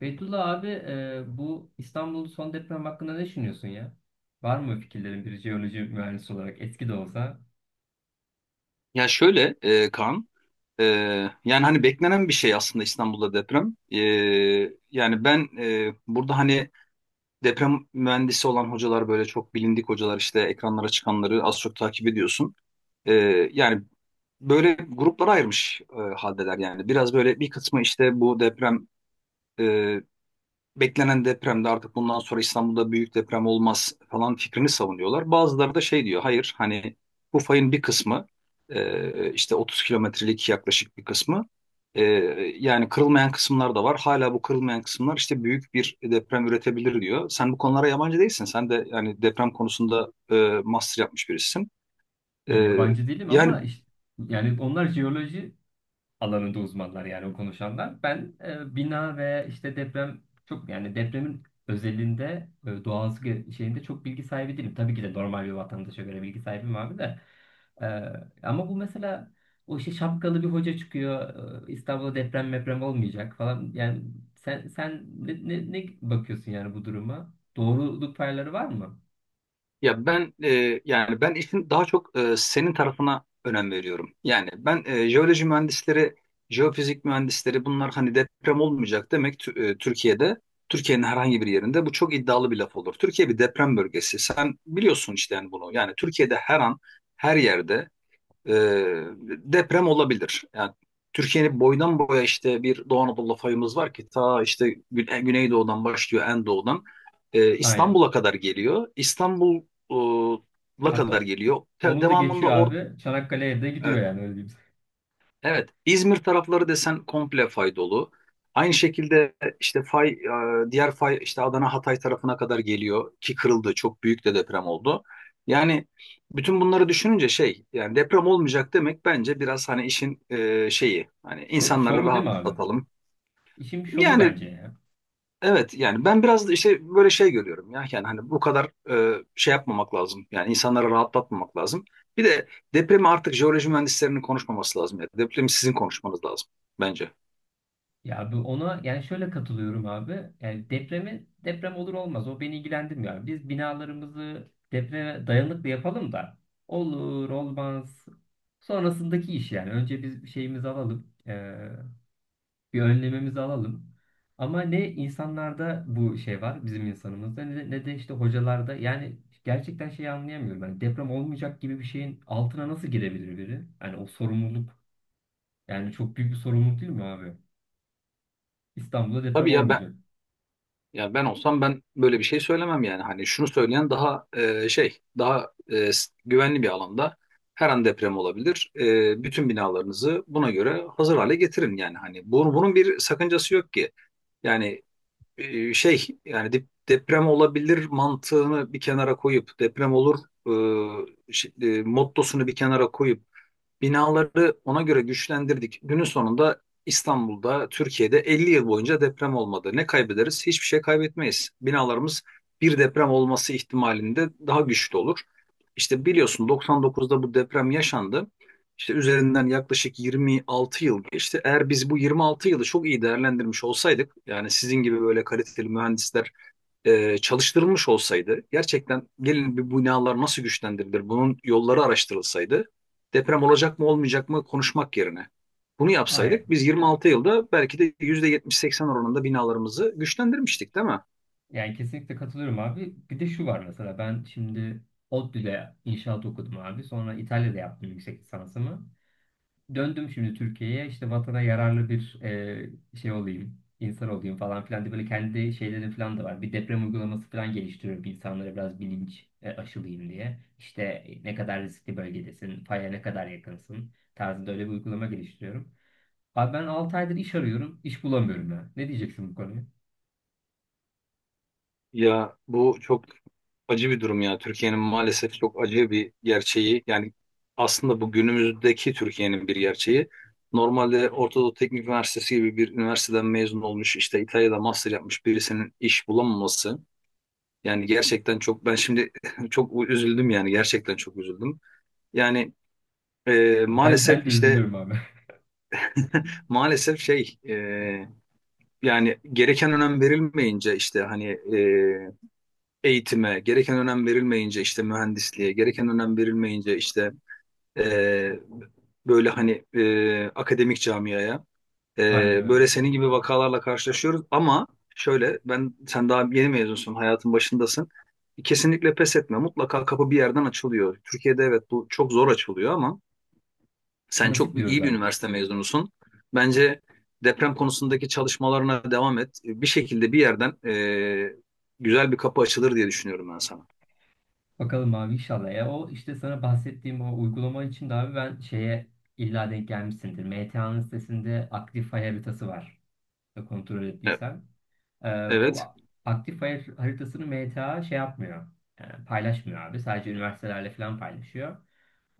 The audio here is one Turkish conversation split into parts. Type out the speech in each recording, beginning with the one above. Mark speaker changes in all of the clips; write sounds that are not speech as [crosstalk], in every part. Speaker 1: Beytullah abi bu İstanbul'un son deprem hakkında ne düşünüyorsun ya? Var mı fikirlerin bir jeoloji mühendisi olarak eski de olsa?
Speaker 2: Ya şöyle Kaan, e, yani hani beklenen bir şey aslında İstanbul'da deprem. Yani ben burada hani deprem mühendisi olan hocalar böyle çok bilindik hocalar işte ekranlara çıkanları az çok takip ediyorsun. E, yani böyle gruplara ayırmış haldeler yani. Biraz böyle bir kısmı işte bu deprem e, beklenen depremde artık bundan sonra İstanbul'da büyük deprem olmaz falan fikrini savunuyorlar. Bazıları da şey diyor hayır hani bu fayın bir kısmı işte 30 kilometrelik yaklaşık bir kısmı e, yani kırılmayan kısımlar da var. Hala bu kırılmayan kısımlar işte büyük bir deprem üretebilir diyor. Sen bu konulara yabancı değilsin. Sen de yani deprem konusunda master yapmış birisin.
Speaker 1: Ya
Speaker 2: E,
Speaker 1: yabancı değilim
Speaker 2: yani
Speaker 1: ama işte, yani onlar jeoloji alanında uzmanlar yani o konuşanlar. Ben bina ve işte deprem çok yani depremin özelinde şeyinde çok bilgi sahibi değilim. Tabii ki de normal bir vatandaşa göre bilgi sahibim abi de. E, Ama bu mesela o işte şapkalı bir hoca çıkıyor. İstanbul'da deprem meprem olmayacak falan. Yani sen ne bakıyorsun yani bu duruma? Doğruluk payları var mı?
Speaker 2: Ya ben yani ben işin daha çok senin tarafına önem veriyorum. Yani ben jeoloji mühendisleri, jeofizik mühendisleri bunlar hani deprem olmayacak demek Türkiye'de, Türkiye'nin herhangi bir yerinde bu çok iddialı bir laf olur. Türkiye bir deprem bölgesi. Sen biliyorsun işte yani bunu. Yani Türkiye'de her an her yerde ee, deprem olabilir. Yani Türkiye'nin boydan boya işte bir Doğu Anadolu fayımız var ki ta işte Güneydoğu'dan başlıyor en doğudan
Speaker 1: Aynen.
Speaker 2: İstanbul'a kadar geliyor. İstanbul'a kadar
Speaker 1: Hatta
Speaker 2: geliyor.
Speaker 1: onu da
Speaker 2: Devamında
Speaker 1: geçiyor abi. Çanakkale'ye de gidiyor
Speaker 2: evet,
Speaker 1: yani öyle diyeyim.
Speaker 2: Evet, İzmir tarafları desen komple fay dolu. Aynı şekilde işte fay, diğer fay işte Adana Hatay tarafına kadar geliyor ki kırıldı. Çok büyük de deprem oldu. Yani bütün bunları düşününce şey yani deprem olmayacak demek bence biraz hani işin şeyi hani insanları
Speaker 1: Şovu değil mi abi?
Speaker 2: rahatlatalım.
Speaker 1: İşin bir şovu
Speaker 2: Yani
Speaker 1: bence ya.
Speaker 2: evet yani ben biraz da işte böyle şey görüyorum ya yani hani bu kadar şey yapmamak lazım yani insanları rahatlatmamak lazım. Bir de depremi artık jeoloji mühendislerinin konuşmaması lazım ya depremi sizin konuşmanız lazım bence.
Speaker 1: Ya bu ona yani şöyle katılıyorum abi. Yani depremi deprem olur olmaz o beni ilgilendirmiyor. Abi. Biz binalarımızı depreme dayanıklı yapalım da olur olmaz sonrasındaki iş yani. Önce biz bir şeyimizi alalım. Bir önlemimizi alalım. Ama ne insanlarda bu şey var bizim insanımızda ne de işte hocalarda yani gerçekten şeyi anlayamıyorum. Yani deprem olmayacak gibi bir şeyin altına nasıl girebilir biri? Yani o sorumluluk yani çok büyük bir sorumluluk değil mi abi? İstanbul'da deprem
Speaker 2: Tabii ya ben
Speaker 1: olmayacak.
Speaker 2: ya ben olsam ben böyle bir şey söylemem yani hani şunu söyleyen daha şey daha güvenli bir alanda her an deprem olabilir. Bütün binalarınızı buna göre hazır hale getirin yani hani bunun bir sakıncası yok ki. Yani şey yani deprem olabilir mantığını bir kenara koyup deprem olur e, mottosunu bir kenara koyup binaları ona göre güçlendirdik. Günün sonunda İstanbul'da, Türkiye'de 50 yıl boyunca deprem olmadı. Ne kaybederiz? Hiçbir şey kaybetmeyiz. Binalarımız bir deprem olması ihtimalinde daha güçlü olur. İşte biliyorsun 99'da bu deprem yaşandı. İşte üzerinden yaklaşık 26 yıl geçti. Eğer biz bu 26 yılı çok iyi değerlendirmiş olsaydık, yani sizin gibi böyle kaliteli mühendisler çalıştırılmış olsaydı, gerçekten gelin bu binalar nasıl güçlendirilir, bunun yolları araştırılsaydı, deprem olacak mı olmayacak mı konuşmak yerine bunu yapsaydık
Speaker 1: Aynen.
Speaker 2: biz 26 yılda belki de %70-80 oranında binalarımızı güçlendirmiştik değil mi?
Speaker 1: Yani kesinlikle katılıyorum abi. Bir de şu var mesela ben şimdi ODTÜ'de inşaat okudum abi. Sonra İtalya'da yaptım yüksek lisansımı. Döndüm şimdi Türkiye'ye işte vatana yararlı bir şey olayım, insan olayım falan filan diye böyle kendi şeylerim falan da var. Bir deprem uygulaması falan geliştiriyorum insanlara biraz bilinç aşılayayım diye. İşte ne kadar riskli bölgedesin, faya ne kadar yakınsın tarzında öyle bir uygulama geliştiriyorum. Abi ben 6 aydır iş arıyorum, iş bulamıyorum ya. Ne diyeceksin bu konuya?
Speaker 2: Ya bu çok acı bir durum ya. Türkiye'nin maalesef çok acı bir gerçeği. Yani aslında bu günümüzdeki Türkiye'nin bir gerçeği. Normalde Orta Doğu Teknik Üniversitesi gibi bir üniversiteden mezun olmuş, işte İtalya'da master yapmış birisinin iş bulamaması. Yani gerçekten çok ben şimdi [laughs] çok üzüldüm yani gerçekten çok üzüldüm. Yani
Speaker 1: Ben
Speaker 2: maalesef
Speaker 1: de
Speaker 2: işte
Speaker 1: üzülüyorum abi.
Speaker 2: maalesef şey yani gereken önem verilmeyince işte hani e, eğitime gereken önem verilmeyince işte mühendisliğe gereken önem verilmeyince işte e, böyle hani akademik camiaya,
Speaker 1: Aynen
Speaker 2: Böyle
Speaker 1: öyle.
Speaker 2: senin gibi vakalarla karşılaşıyoruz ama şöyle ben sen daha yeni mezunsun, hayatın başındasın. Kesinlikle pes etme. Mutlaka kapı bir yerden açılıyor. Türkiye'de evet bu çok zor açılıyor ama sen
Speaker 1: Nasip
Speaker 2: çok
Speaker 1: diyoruz
Speaker 2: iyi bir
Speaker 1: abi.
Speaker 2: üniversite mezunusun. Bence deprem konusundaki çalışmalarına devam et. Bir şekilde bir yerden güzel bir kapı açılır diye düşünüyorum ben sana.
Speaker 1: Bakalım abi inşallah. Ya o işte sana bahsettiğim o uygulama için de abi ben şeye illa denk gelmişsindir. MTA'nın sitesinde aktif fay haritası var. Kontrol
Speaker 2: Evet.
Speaker 1: ettiysen. Bu
Speaker 2: Evet.
Speaker 1: aktif fay haritasını MTA şey yapmıyor. Yani paylaşmıyor abi. Sadece üniversitelerle falan paylaşıyor.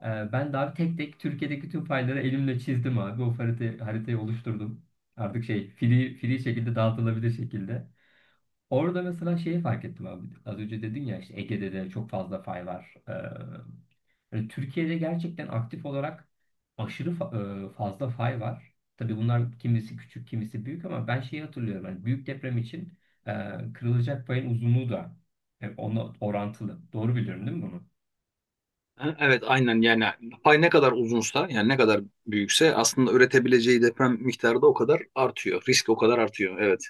Speaker 1: Ben de abi tek tek Türkiye'deki tüm fayları elimle çizdim abi. Haritayı oluşturdum. Artık şey free şekilde dağıtılabilir şekilde. Orada mesela şeyi fark ettim abi. Az önce dedin ya işte Ege'de de çok fazla fay var. Yani Türkiye'de gerçekten aktif olarak fazla fay var. Tabii bunlar kimisi küçük, kimisi büyük ama ben şeyi hatırlıyorum. Yani büyük deprem için e, kırılacak payın uzunluğu da ona orantılı. Doğru biliyorum değil mi bunu?
Speaker 2: Ha, Evet, aynen yani pay ne kadar uzunsa yani ne kadar büyükse aslında üretebileceği deprem miktarı da o kadar artıyor. Risk o kadar artıyor, evet.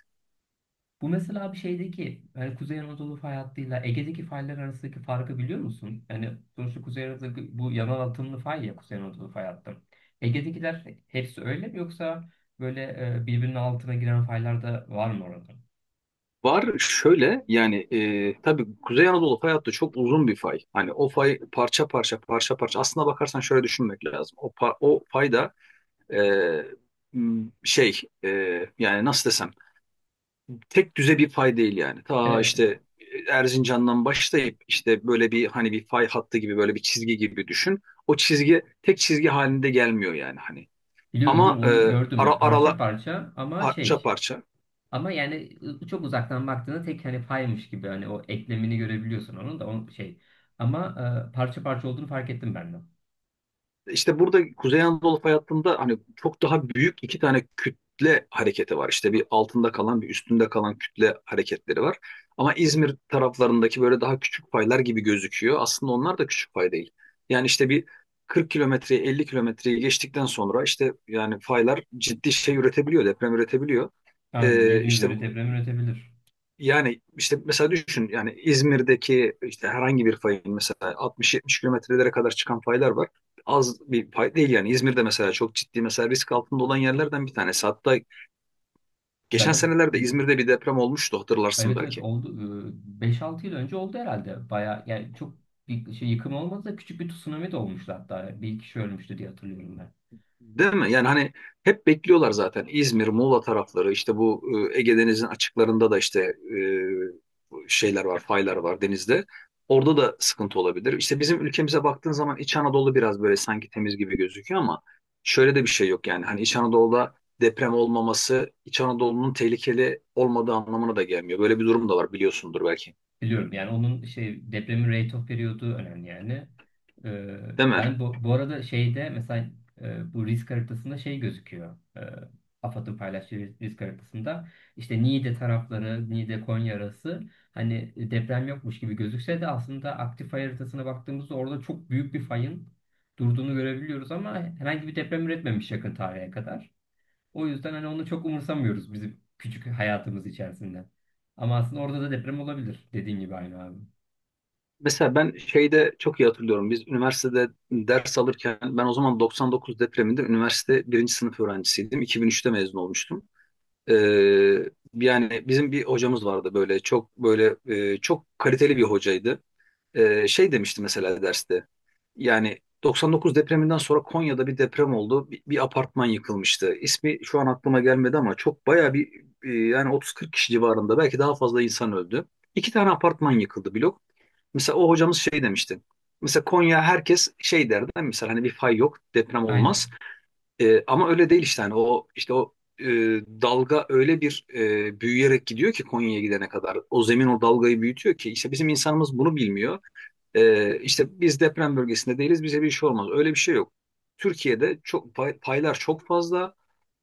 Speaker 1: Bu mesela bir şeydeki yani Kuzey Anadolu fay hattıyla Ege'deki faylar arasındaki farkı biliyor musun? Yani sonuçta Kuzey Anadolu bu yanal atımlı fay ya Kuzey Anadolu fay hattı. Ege'dekiler hepsi öyle mi yoksa böyle birbirinin altına giren faylar da var mı orada?
Speaker 2: Var şöyle yani tabii Kuzey Anadolu fay hattı çok uzun bir fay. Hani o fay parça parça parça parça aslına bakarsan şöyle düşünmek lazım. O fay da e, m, şey e, yani nasıl desem tek düze bir fay değil yani. Ta
Speaker 1: Evet,
Speaker 2: işte Erzincan'dan başlayıp işte böyle bir hani bir fay hattı gibi böyle bir çizgi gibi düşün. O çizgi tek çizgi halinde gelmiyor yani hani.
Speaker 1: biliyorum
Speaker 2: Ama
Speaker 1: biliyorum onu gördüm
Speaker 2: ara
Speaker 1: ya parça
Speaker 2: arala
Speaker 1: parça ama
Speaker 2: parça
Speaker 1: şey
Speaker 2: parça.
Speaker 1: ama yani çok uzaktan baktığında tek hani faymış gibi hani o eklemini görebiliyorsun onun da o şey ama parça parça olduğunu fark ettim ben de.
Speaker 2: İşte burada Kuzey Anadolu fay hattında hani çok daha büyük iki tane kütle hareketi var. İşte bir altında kalan bir üstünde kalan kütle hareketleri var. Ama İzmir taraflarındaki böyle daha küçük faylar gibi gözüküyor. Aslında onlar da küçük fay değil. Yani işte bir 40 kilometreyi 50 kilometreyi geçtikten sonra işte yani faylar ciddi şey üretebiliyor, deprem üretebiliyor.
Speaker 1: Aynen 7
Speaker 2: İşte
Speaker 1: üzeri deprem üretebilir.
Speaker 2: yani işte mesela düşün yani İzmir'deki işte herhangi bir fayın mesela 60-70 kilometrelere kadar çıkan faylar var. Az bir pay değil yani. İzmir'de mesela çok ciddi mesela risk altında olan yerlerden bir tanesi. Hatta geçen
Speaker 1: Zaten
Speaker 2: senelerde İzmir'de bir deprem olmuştu, hatırlarsın
Speaker 1: evet evet
Speaker 2: belki.
Speaker 1: oldu. 5-6 yıl önce oldu herhalde. Baya yani çok bir şey yıkım olmadı da küçük bir tsunami de olmuştu hatta. Bir kişi ölmüştü diye hatırlıyorum ben.
Speaker 2: Değil mi? Yani hani hep bekliyorlar zaten. İzmir, Muğla tarafları işte bu Ege Denizi'nin açıklarında da işte şeyler var, faylar var denizde. Orada da sıkıntı olabilir. İşte bizim ülkemize baktığın zaman İç Anadolu biraz böyle sanki temiz gibi gözüküyor ama şöyle de bir şey yok yani. Hani İç Anadolu'da deprem olmaması İç Anadolu'nun tehlikeli olmadığı anlamına da gelmiyor. Böyle bir durum da var, biliyorsundur belki.
Speaker 1: Biliyorum yani onun şey depremin rate of periyodu önemli yani. Ee,
Speaker 2: Değil mi?
Speaker 1: Ben bu arada şeyde mesela bu risk haritasında şey gözüküyor. AFAD'ın paylaştığı risk haritasında işte Niğde tarafları, Niğde Konya arası hani deprem yokmuş gibi gözükse de aslında aktif fay haritasına baktığımızda orada çok büyük bir fayın durduğunu görebiliyoruz ama herhangi bir deprem üretmemiş yakın tarihe kadar. O yüzden hani onu çok umursamıyoruz bizim küçük hayatımız içerisinde. Ama aslında orada da deprem olabilir. Dediğin gibi aynı abi.
Speaker 2: Mesela ben şeyde çok iyi hatırlıyorum. Biz üniversitede ders alırken ben o zaman 99 depreminde üniversite birinci sınıf öğrencisiydim. 2003'te mezun olmuştum. Ee, yani bizim bir hocamız vardı böyle çok böyle çok kaliteli bir hocaydı. Şey demişti mesela derste. Yani 99 depreminden sonra Konya'da bir deprem oldu. Bir apartman yıkılmıştı. İsmi şu an aklıma gelmedi ama çok bayağı bir yani 30-40 kişi civarında belki daha fazla insan öldü. İki tane apartman yıkıldı, blok. Mesela o hocamız şey demişti. Mesela Konya, herkes şey derdi. Mesela hani bir fay yok, deprem olmaz.
Speaker 1: Aynen.
Speaker 2: Ama öyle değil işte hani o işte o e, dalga öyle bir büyüyerek gidiyor ki Konya'ya gidene kadar. O zemin o dalgayı büyütüyor ki işte bizim insanımız bunu bilmiyor. İşte biz deprem bölgesinde değiliz, bize bir şey olmaz. Öyle bir şey yok. Türkiye'de çok paylar çok fazla.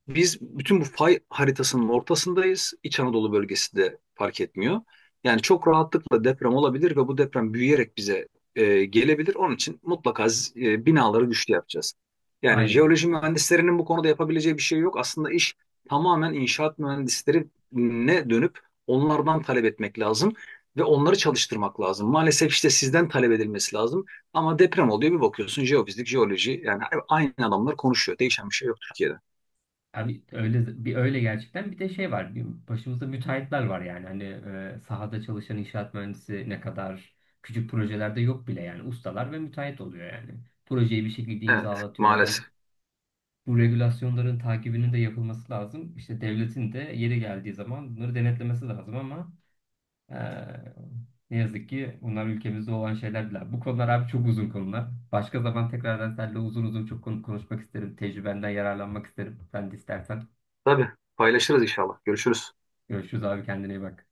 Speaker 2: Biz bütün bu fay haritasının ortasındayız. İç Anadolu bölgesi de fark etmiyor. Yani çok rahatlıkla deprem olabilir ve bu deprem büyüyerek bize gelebilir. Onun için mutlaka binaları güçlü yapacağız. Yani
Speaker 1: Aynen abi.
Speaker 2: jeoloji mühendislerinin bu konuda yapabileceği bir şey yok. Aslında iş tamamen inşaat mühendislerine dönüp onlardan talep etmek lazım ve onları çalıştırmak lazım. Maalesef işte sizden talep edilmesi lazım. Ama deprem oluyor bir bakıyorsun jeofizik, jeoloji yani aynı adamlar konuşuyor. Değişen bir şey yok Türkiye'de.
Speaker 1: Abi öyle bir öyle gerçekten bir de şey var. Bir başımızda müteahhitler var yani. Hani sahada çalışan inşaat mühendisi ne kadar küçük projelerde yok bile yani ustalar ve müteahhit oluyor yani. Projeyi bir şekilde
Speaker 2: Evet,
Speaker 1: imzalatıyorlar. Hani
Speaker 2: maalesef.
Speaker 1: bu regülasyonların takibinin de yapılması lazım. İşte devletin de yeri geldiği zaman bunları denetlemesi lazım ama Eee, ne yazık ki bunlar ülkemizde olan şeyler değil. Bu konular abi çok uzun konular. Başka zaman tekrardan seninle uzun uzun çok konu konuşmak isterim. Tecrübenden yararlanmak isterim. Sen de istersen.
Speaker 2: Tabii, paylaşırız inşallah. Görüşürüz.
Speaker 1: Görüşürüz abi, kendine iyi bak.